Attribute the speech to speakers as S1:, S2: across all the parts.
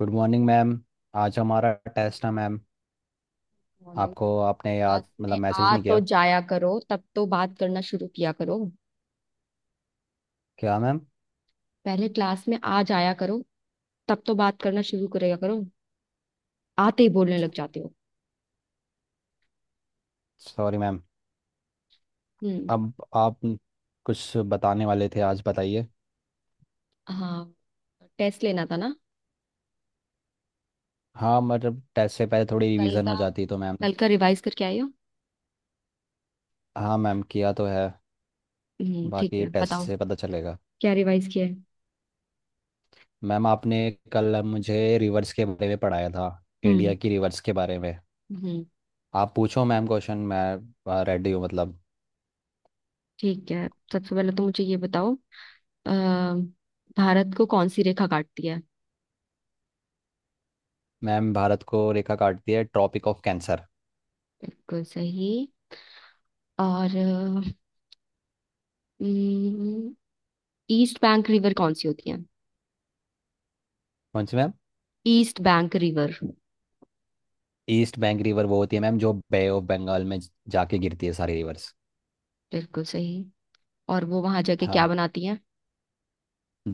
S1: Good morning ma'am. आज हमारा test है मैम।
S2: मॉर्निंग।
S1: आपको आपने
S2: क्लास
S1: याद
S2: में
S1: मैसेज
S2: आ
S1: नहीं
S2: तो
S1: किया।
S2: जाया करो तब तो बात करना शुरू किया करो।
S1: क्या मैम?
S2: पहले क्लास में आ जाया करो तब तो बात करना शुरू करेगा करो। आते ही बोलने लग जाते हो।
S1: Sorry ma'am.
S2: हम्म।
S1: अब आप कुछ बताने वाले थे आज बताइए।
S2: हाँ। टेस्ट लेना था ना?
S1: हाँ टेस्ट से पहले थोड़ी
S2: कल
S1: रिवीजन
S2: का
S1: हो जाती तो मैम।
S2: कल का रिवाइज करके आई हो?
S1: हाँ मैम किया तो है।
S2: हम्म, ठीक
S1: बाकी
S2: है
S1: टेस्ट
S2: बताओ।
S1: से पता चलेगा।
S2: क्या रिवाइज किया है?
S1: मैम आपने कल मुझे रिवर्स के बारे में पढ़ाया था,
S2: हम्म।
S1: इंडिया की रिवर्स के बारे में।
S2: हम्म।
S1: आप पूछो मैम क्वेश्चन, मैं रेडी हूँ
S2: ठीक है, सबसे पहले तो मुझे ये बताओ, अ, भारत को कौन सी रेखा काटती है?
S1: मैम भारत को रेखा काटती है ट्रॉपिक ऑफ कैंसर।
S2: बिल्कुल सही। और हम्म, ईस्ट बैंक रिवर कौन सी होती है?
S1: कौन सी ma'am?
S2: East bank river.
S1: East bank river वो होती है मैम जो बे ऑफ बंगाल में जाके गिरती है सारी रिवर्स।
S2: बिल्कुल सही। और वो वहां जाके क्या
S1: हाँ,
S2: बनाती है?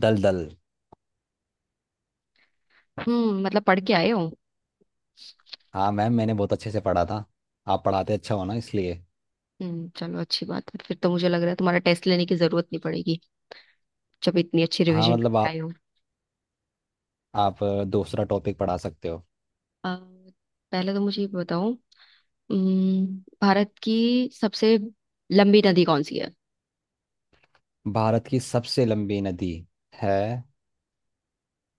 S1: दल दल।
S2: मतलब पढ़ के आए हो।
S1: हाँ मैम मैंने बहुत अच्छे से पढ़ा था। आप पढ़ाते अच्छा हो ना इसलिए।
S2: चलो अच्छी बात है, फिर तो मुझे लग रहा है तुम्हारा टेस्ट लेने की जरूरत नहीं पड़ेगी, जब इतनी अच्छी
S1: हाँ
S2: रिवीजन करके
S1: आप
S2: आए हो।
S1: आप दूसरा टॉपिक पढ़ा सकते हो।
S2: अ, पहले तो मुझे ये बताओ। अम्म, भारत की सबसे लंबी नदी कौन सी है?
S1: भारत की सबसे लंबी नदी है।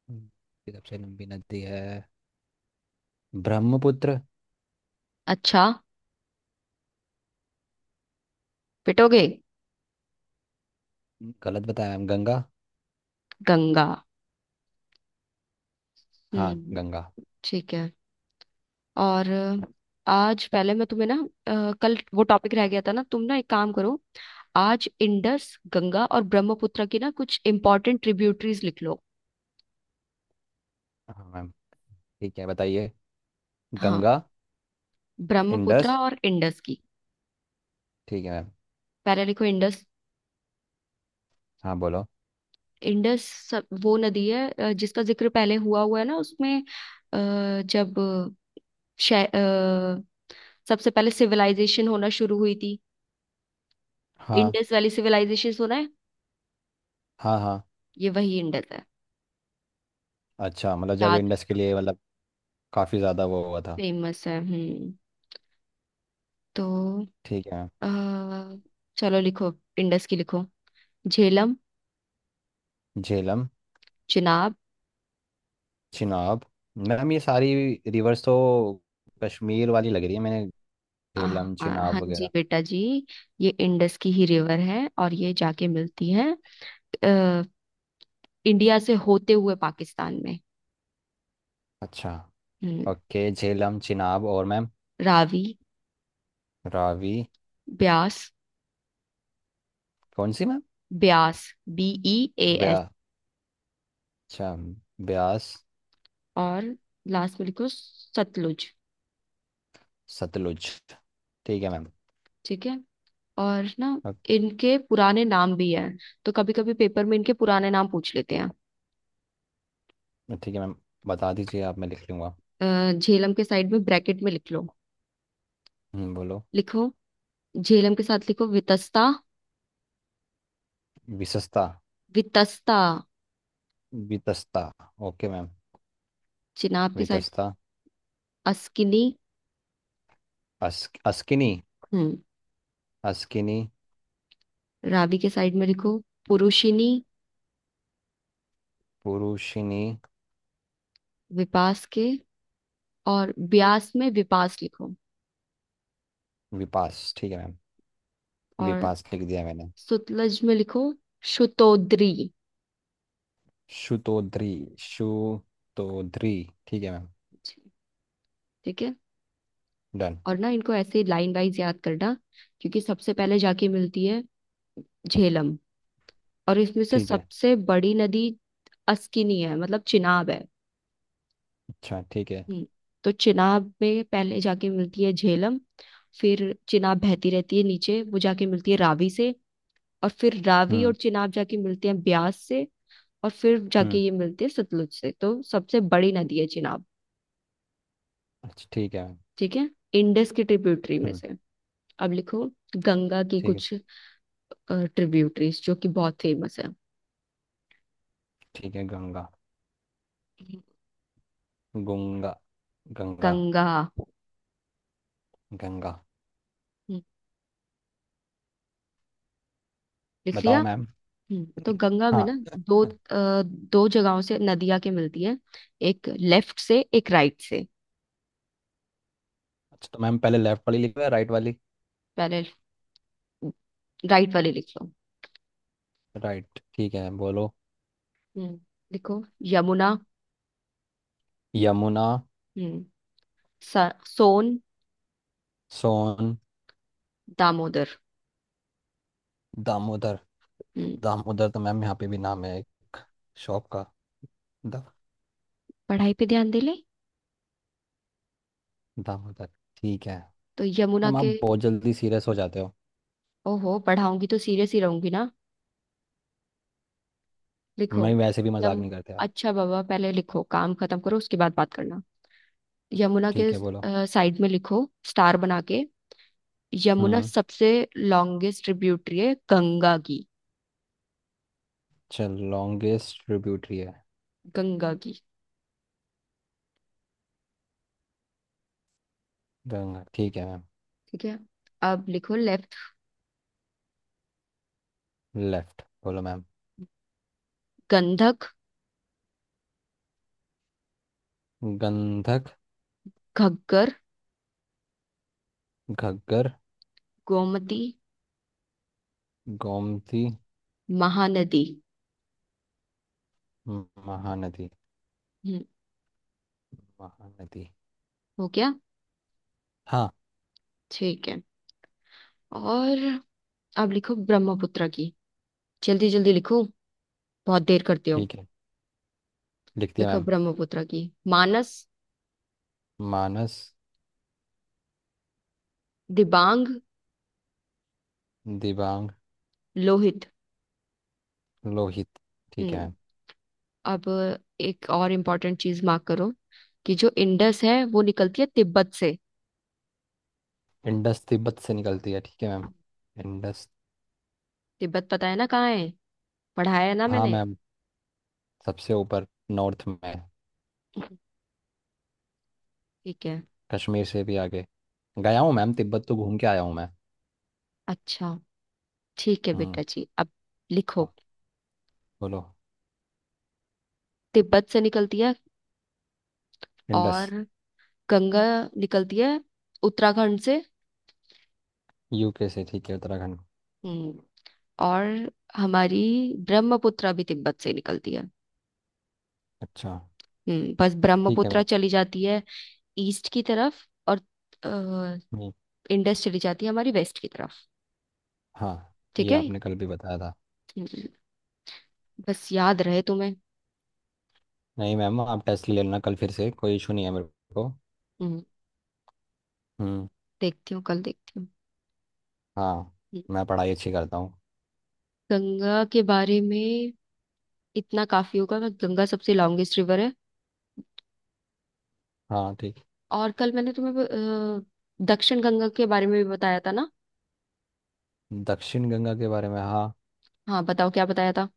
S1: भारत की सबसे लंबी नदी है ब्रह्मपुत्र।
S2: अच्छा, पिटोगे।
S1: गलत बताया मैम, गंगा।
S2: गंगा।
S1: हाँ
S2: हम्म।
S1: गंगा।
S2: ठीक है। और आज पहले मैं तुम्हें ना कल वो टॉपिक रह गया था ना, तुम ना एक काम करो। आज इंडस गंगा और ब्रह्मपुत्र की ना कुछ इंपॉर्टेंट ट्रिब्यूटरीज लिख लो।
S1: हाँ मैम ठीक है बताइए।
S2: हाँ।
S1: गंगा।
S2: ब्रह्मपुत्र
S1: इंडस,
S2: और इंडस की।
S1: ठीक है मैम।
S2: पहले लिखो इंडस।
S1: हाँ बोलो।
S2: इंडस वो नदी है जिसका जिक्र पहले हुआ हुआ है ना उसमें, जब शै- अ, सबसे पहले सिविलाइजेशन होना शुरू हुई थी।
S1: हाँ
S2: इंडस वैली सिविलाइजेशन सुना है?
S1: हाँ हाँ।
S2: ये वही इंडस है।
S1: अच्छा जब
S2: याद
S1: इंडस के लिए काफ़ी ज़्यादा वो हुआ था।
S2: फेमस है। हम्म। तो
S1: ठीक है।
S2: अ, चलो लिखो। इंडस की लिखो। झेलम।
S1: झेलम।
S2: चिनाब।
S1: चिनाब। मैम ये सारी रिवर्स तो कश्मीर वाली लग रही है मैंने, झेलम
S2: हाँ
S1: चिनाब
S2: हाँ जी
S1: वगैरह।
S2: बेटा जी, ये इंडस की ही रिवर है और ये जाके मिलती है अ, इंडिया से होते हुए पाकिस्तान में।
S1: अच्छा।
S2: हम्म।
S1: ओके झेलम चिनाब और मैम?
S2: रावी।
S1: रावी।
S2: ब्यास।
S1: कौन सी ma'am?
S2: Beas. B. E. A
S1: ब्या।
S2: एस।
S1: अच्छा, ब्यास।
S2: और लास्ट में लिखो सतलुज।
S1: सतलुज, ठीक है मैम।
S2: ठीक है। और ना
S1: अ-
S2: इनके पुराने नाम भी हैं, तो कभी कभी पेपर में इनके पुराने नाम पूछ लेते हैं।
S1: ठीक है मैम, बता दीजिए आप मैं लिख लूँगा।
S2: झेलम के साइड में ब्रैकेट में लिख लो।
S1: बोलो।
S2: लिखो। झेलम के साथ लिखो वितस्ता।
S1: विशस्ता।
S2: वितस्ता।
S1: Vitasta, okay ma'am.
S2: चिनाब के साइड।
S1: वितस्ता।
S2: अस्किनी।
S1: अस्किनी।
S2: हम्म।
S1: अस्किनी।
S2: रावी के साइड में लिखो पुरुषिनी।
S1: पुरुषिनी।
S2: विपास के और ब्यास में विपास लिखो।
S1: विपास ठीक है मैम।
S2: और
S1: विपास लिख दिया मैंने।
S2: सुतलज में लिखो शुतोद्री।
S1: शुतोद्री। शुतोद्री, ठीक है मैम।
S2: ठीक है।
S1: डन।
S2: और ना इनको ऐसे लाइन वाइज याद करना, क्योंकि सबसे पहले जाके मिलती है झेलम। और इसमें से
S1: ठीक है।
S2: सबसे बड़ी नदी अस्किनी है, मतलब चिनाब है।
S1: अच्छा ठीक है।
S2: हम्म, तो चिनाब में पहले जाके मिलती है झेलम। फिर चिनाब बहती रहती है नीचे, वो जाके मिलती है रावी से। और फिर रावी और
S1: हम्म।
S2: चिनाब जाके मिलते हैं ब्यास से। और फिर जाके
S1: हम्म।
S2: ये मिलते हैं सतलुज से, तो सबसे बड़ी नदी है चिनाब।
S1: अच्छा ठीक है मैम।
S2: ठीक है। इंडस की ट्रिब्यूटरी में
S1: हम्म।
S2: से अब लिखो गंगा की
S1: ठीक है।
S2: कुछ ट्रिब्यूटरीज, जो कि बहुत फेमस है।
S1: ठीक है। गंगा। गुंगा। गंगा।
S2: गंगा।
S1: गंगा।
S2: हम्म, लिख लिया।
S1: बताओ मैम।
S2: तो गंगा में ना
S1: हाँ।
S2: दो अ, दो जगहों से नदियां के मिलती है, एक लेफ्ट से एक राइट से।
S1: अच्छा तो मैम पहले लेफ्ट वाली लिखो या राइट वाली?
S2: पहले राइट वाले लिख लो।
S1: राइट ठीक है बोलो।
S2: हम्म। देखो। यमुना।
S1: यमुना।
S2: हम्म। स- सोन।
S1: सोन।
S2: दामोदर।
S1: दामोदर।
S2: हम्म
S1: दामोदर तो मैम यहाँ पे भी नाम है एक शॉप का। दा,
S2: पढ़ाई पे ध्यान दे ले।
S1: दामोदर, ठीक है
S2: तो यमुना
S1: मैम।
S2: के
S1: आप बहुत जल्दी सीरियस हो जाते हो।
S2: ओहो, पढ़ाऊंगी तो सीरियस ही रहूंगी ना। लिखो।
S1: मैं वैसे भी मजाक
S2: यम
S1: नहीं करते आप।
S2: अच्छा बाबा, पहले लिखो, काम खत्म करो उसके बाद बात करना। यमुना के
S1: ठीक है बोलो।
S2: साइड में लिखो स्टार बना के, यमुना
S1: हम्म।
S2: सबसे लॉन्गेस्ट ट्रिब्यूटरी है गंगा की।
S1: चल लॉन्गेस्ट ट्रिब्यूटरी है।
S2: गंगा की।
S1: गंगा, ठीक है मैम।
S2: ठीक है। अब लिखो लेफ्ट।
S1: लेफ्ट बोलो मैम।
S2: गंधक।
S1: गंधक।
S2: घग्गर।
S1: घग्गर।
S2: गोमती।
S1: गोमती।
S2: महानदी।
S1: महानदी। महानदी।
S2: हो गया।
S1: हाँ।
S2: ठीक है। और अब लिखो ब्रह्मपुत्र की। जल्दी जल्दी लिखो, बहुत देर करते हो।
S1: ठीक है, लिख दिया
S2: लिखो
S1: मैम।
S2: ब्रह्मपुत्र की। मानस।
S1: मानस।
S2: दिबांग।
S1: दिबांग।
S2: लोहित।
S1: लोहित, ठीक है
S2: हम्म।
S1: मैम।
S2: अब एक और इम्पोर्टेंट चीज मार्क करो कि जो इंडस है वो निकलती है तिब्बत से।
S1: इंडस तिब्बत से निकलती है, ठीक है मैम। इंडस।
S2: तिब्बत पता है ना कहाँ है? पढ़ाया है ना
S1: हाँ
S2: मैंने?
S1: मैम। सबसे ऊपर, नॉर्थ में।
S2: ठीक है।
S1: कश्मीर से भी आगे गया हूँ मैम, तिब्बत तो घूम के आया हूँ मैं।
S2: अच्छा, ठीक है बेटा
S1: हम्म।
S2: जी। अब
S1: हाँ,
S2: लिखो।
S1: बोलो।
S2: तिब्बत से निकलती है।
S1: इंडस।
S2: और गंगा निकलती है उत्तराखंड से।
S1: यूके से, ठीक है, उत्तराखंड।
S2: हम्म। और हमारी ब्रह्मपुत्रा भी तिब्बत से निकलती है।
S1: अच्छा,
S2: बस
S1: ठीक है
S2: ब्रह्मपुत्रा
S1: मैम।
S2: चली जाती है ईस्ट की तरफ, और अ,
S1: नहीं।
S2: इंडस चली जाती है हमारी वेस्ट की तरफ।
S1: हाँ
S2: ठीक
S1: ये
S2: है।
S1: आपने कल भी बताया था।
S2: हम्म, बस याद रहे तुम्हें।
S1: नहीं मैम आप टेस्ट ले लेना कल फिर से, कोई इशू नहीं है मेरे को।
S2: हम्म
S1: हम्म।
S2: देखती हूँ, कल देखती हूँ।
S1: हाँ,
S2: हम्म,
S1: मैं पढ़ाई अच्छी करता हूँ।
S2: गंगा के बारे में इतना काफी होगा कि गंगा सबसे लॉन्गेस्ट रिवर है।
S1: हाँ ठीक।
S2: और कल मैंने तुम्हें दक्षिण गंगा के बारे में भी बताया था ना।
S1: दक्षिण गंगा के बारे में हाँ।
S2: हाँ बताओ, क्या बताया था?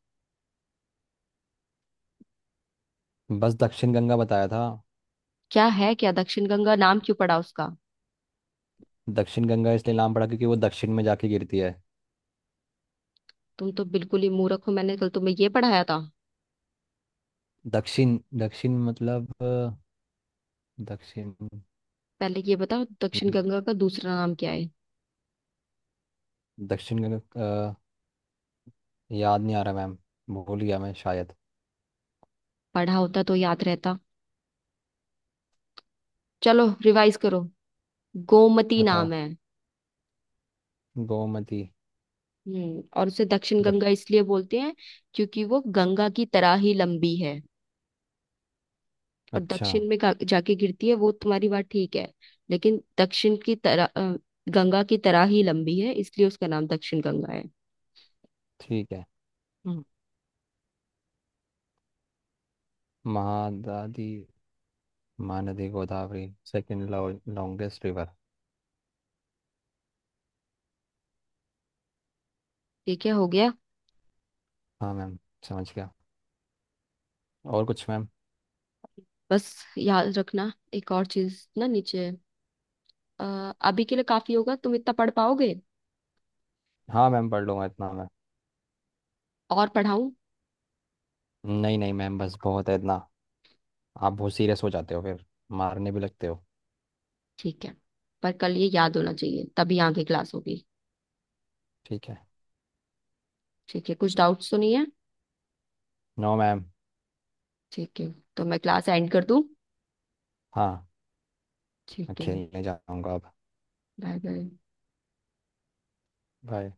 S1: बस दक्षिण गंगा बताया था।
S2: क्या है, क्या दक्षिण गंगा नाम क्यों पड़ा उसका?
S1: दक्षिण गंगा इसलिए नाम पड़ा क्योंकि वो दक्षिण में जाके गिरती है।
S2: तुम तो बिल्कुल ही मूर्ख हो, मैंने कल तुम्हें ये पढ़ाया था।
S1: दक्षिण दक्षिण दक्षिण।
S2: पहले ये बताओ, दक्षिण
S1: मैम,
S2: गंगा का दूसरा नाम क्या है?
S1: दक्षिण गंगा अ, याद नहीं आ रहा मैम, भूल गया मैं शायद।
S2: पढ़ा होता तो याद रहता। चलो रिवाइज करो। गोमती
S1: बताओ।
S2: नाम है।
S1: गोमती।
S2: और उसे दक्षिण गंगा
S1: दक्ष-
S2: इसलिए बोलते हैं क्योंकि वो गंगा की तरह ही लंबी है। और
S1: अच्छा
S2: दक्षिण में जाके गिरती है, वो तुम्हारी बात ठीक है। लेकिन दक्षिण की तरह गंगा की तरह ही लंबी है, इसलिए उसका नाम दक्षिण गंगा है।
S1: ठीक है।
S2: हम्म,
S1: महादादी। Mahanadi, Godavari. Second longest river.
S2: ठीक है, हो गया।
S1: हाँ मैम समझ गया। और कुछ मैम?
S2: बस याद रखना एक और चीज ना नीचे, अभी के लिए काफी होगा, तुम इतना पढ़ पाओगे?
S1: हाँ मैम पढ़ लूंगा इतना मैं।
S2: और पढ़ाऊं?
S1: नहीं नहीं मैम बस बहुत है इतना। आप बहुत सीरियस हो जाते हो फिर, मारने भी लगते हो।
S2: ठीक है। पर कल ये याद होना चाहिए, तभी आगे क्लास होगी।
S1: ठीक है।
S2: ठीक है, कुछ डाउट्स तो नहीं है?
S1: No ma'am.
S2: ठीक है। तो मैं क्लास एंड कर दूं?
S1: हाँ। मैं
S2: ठीक है।
S1: खेलने जाऊंगा अब।
S2: Bye bye.
S1: बाय।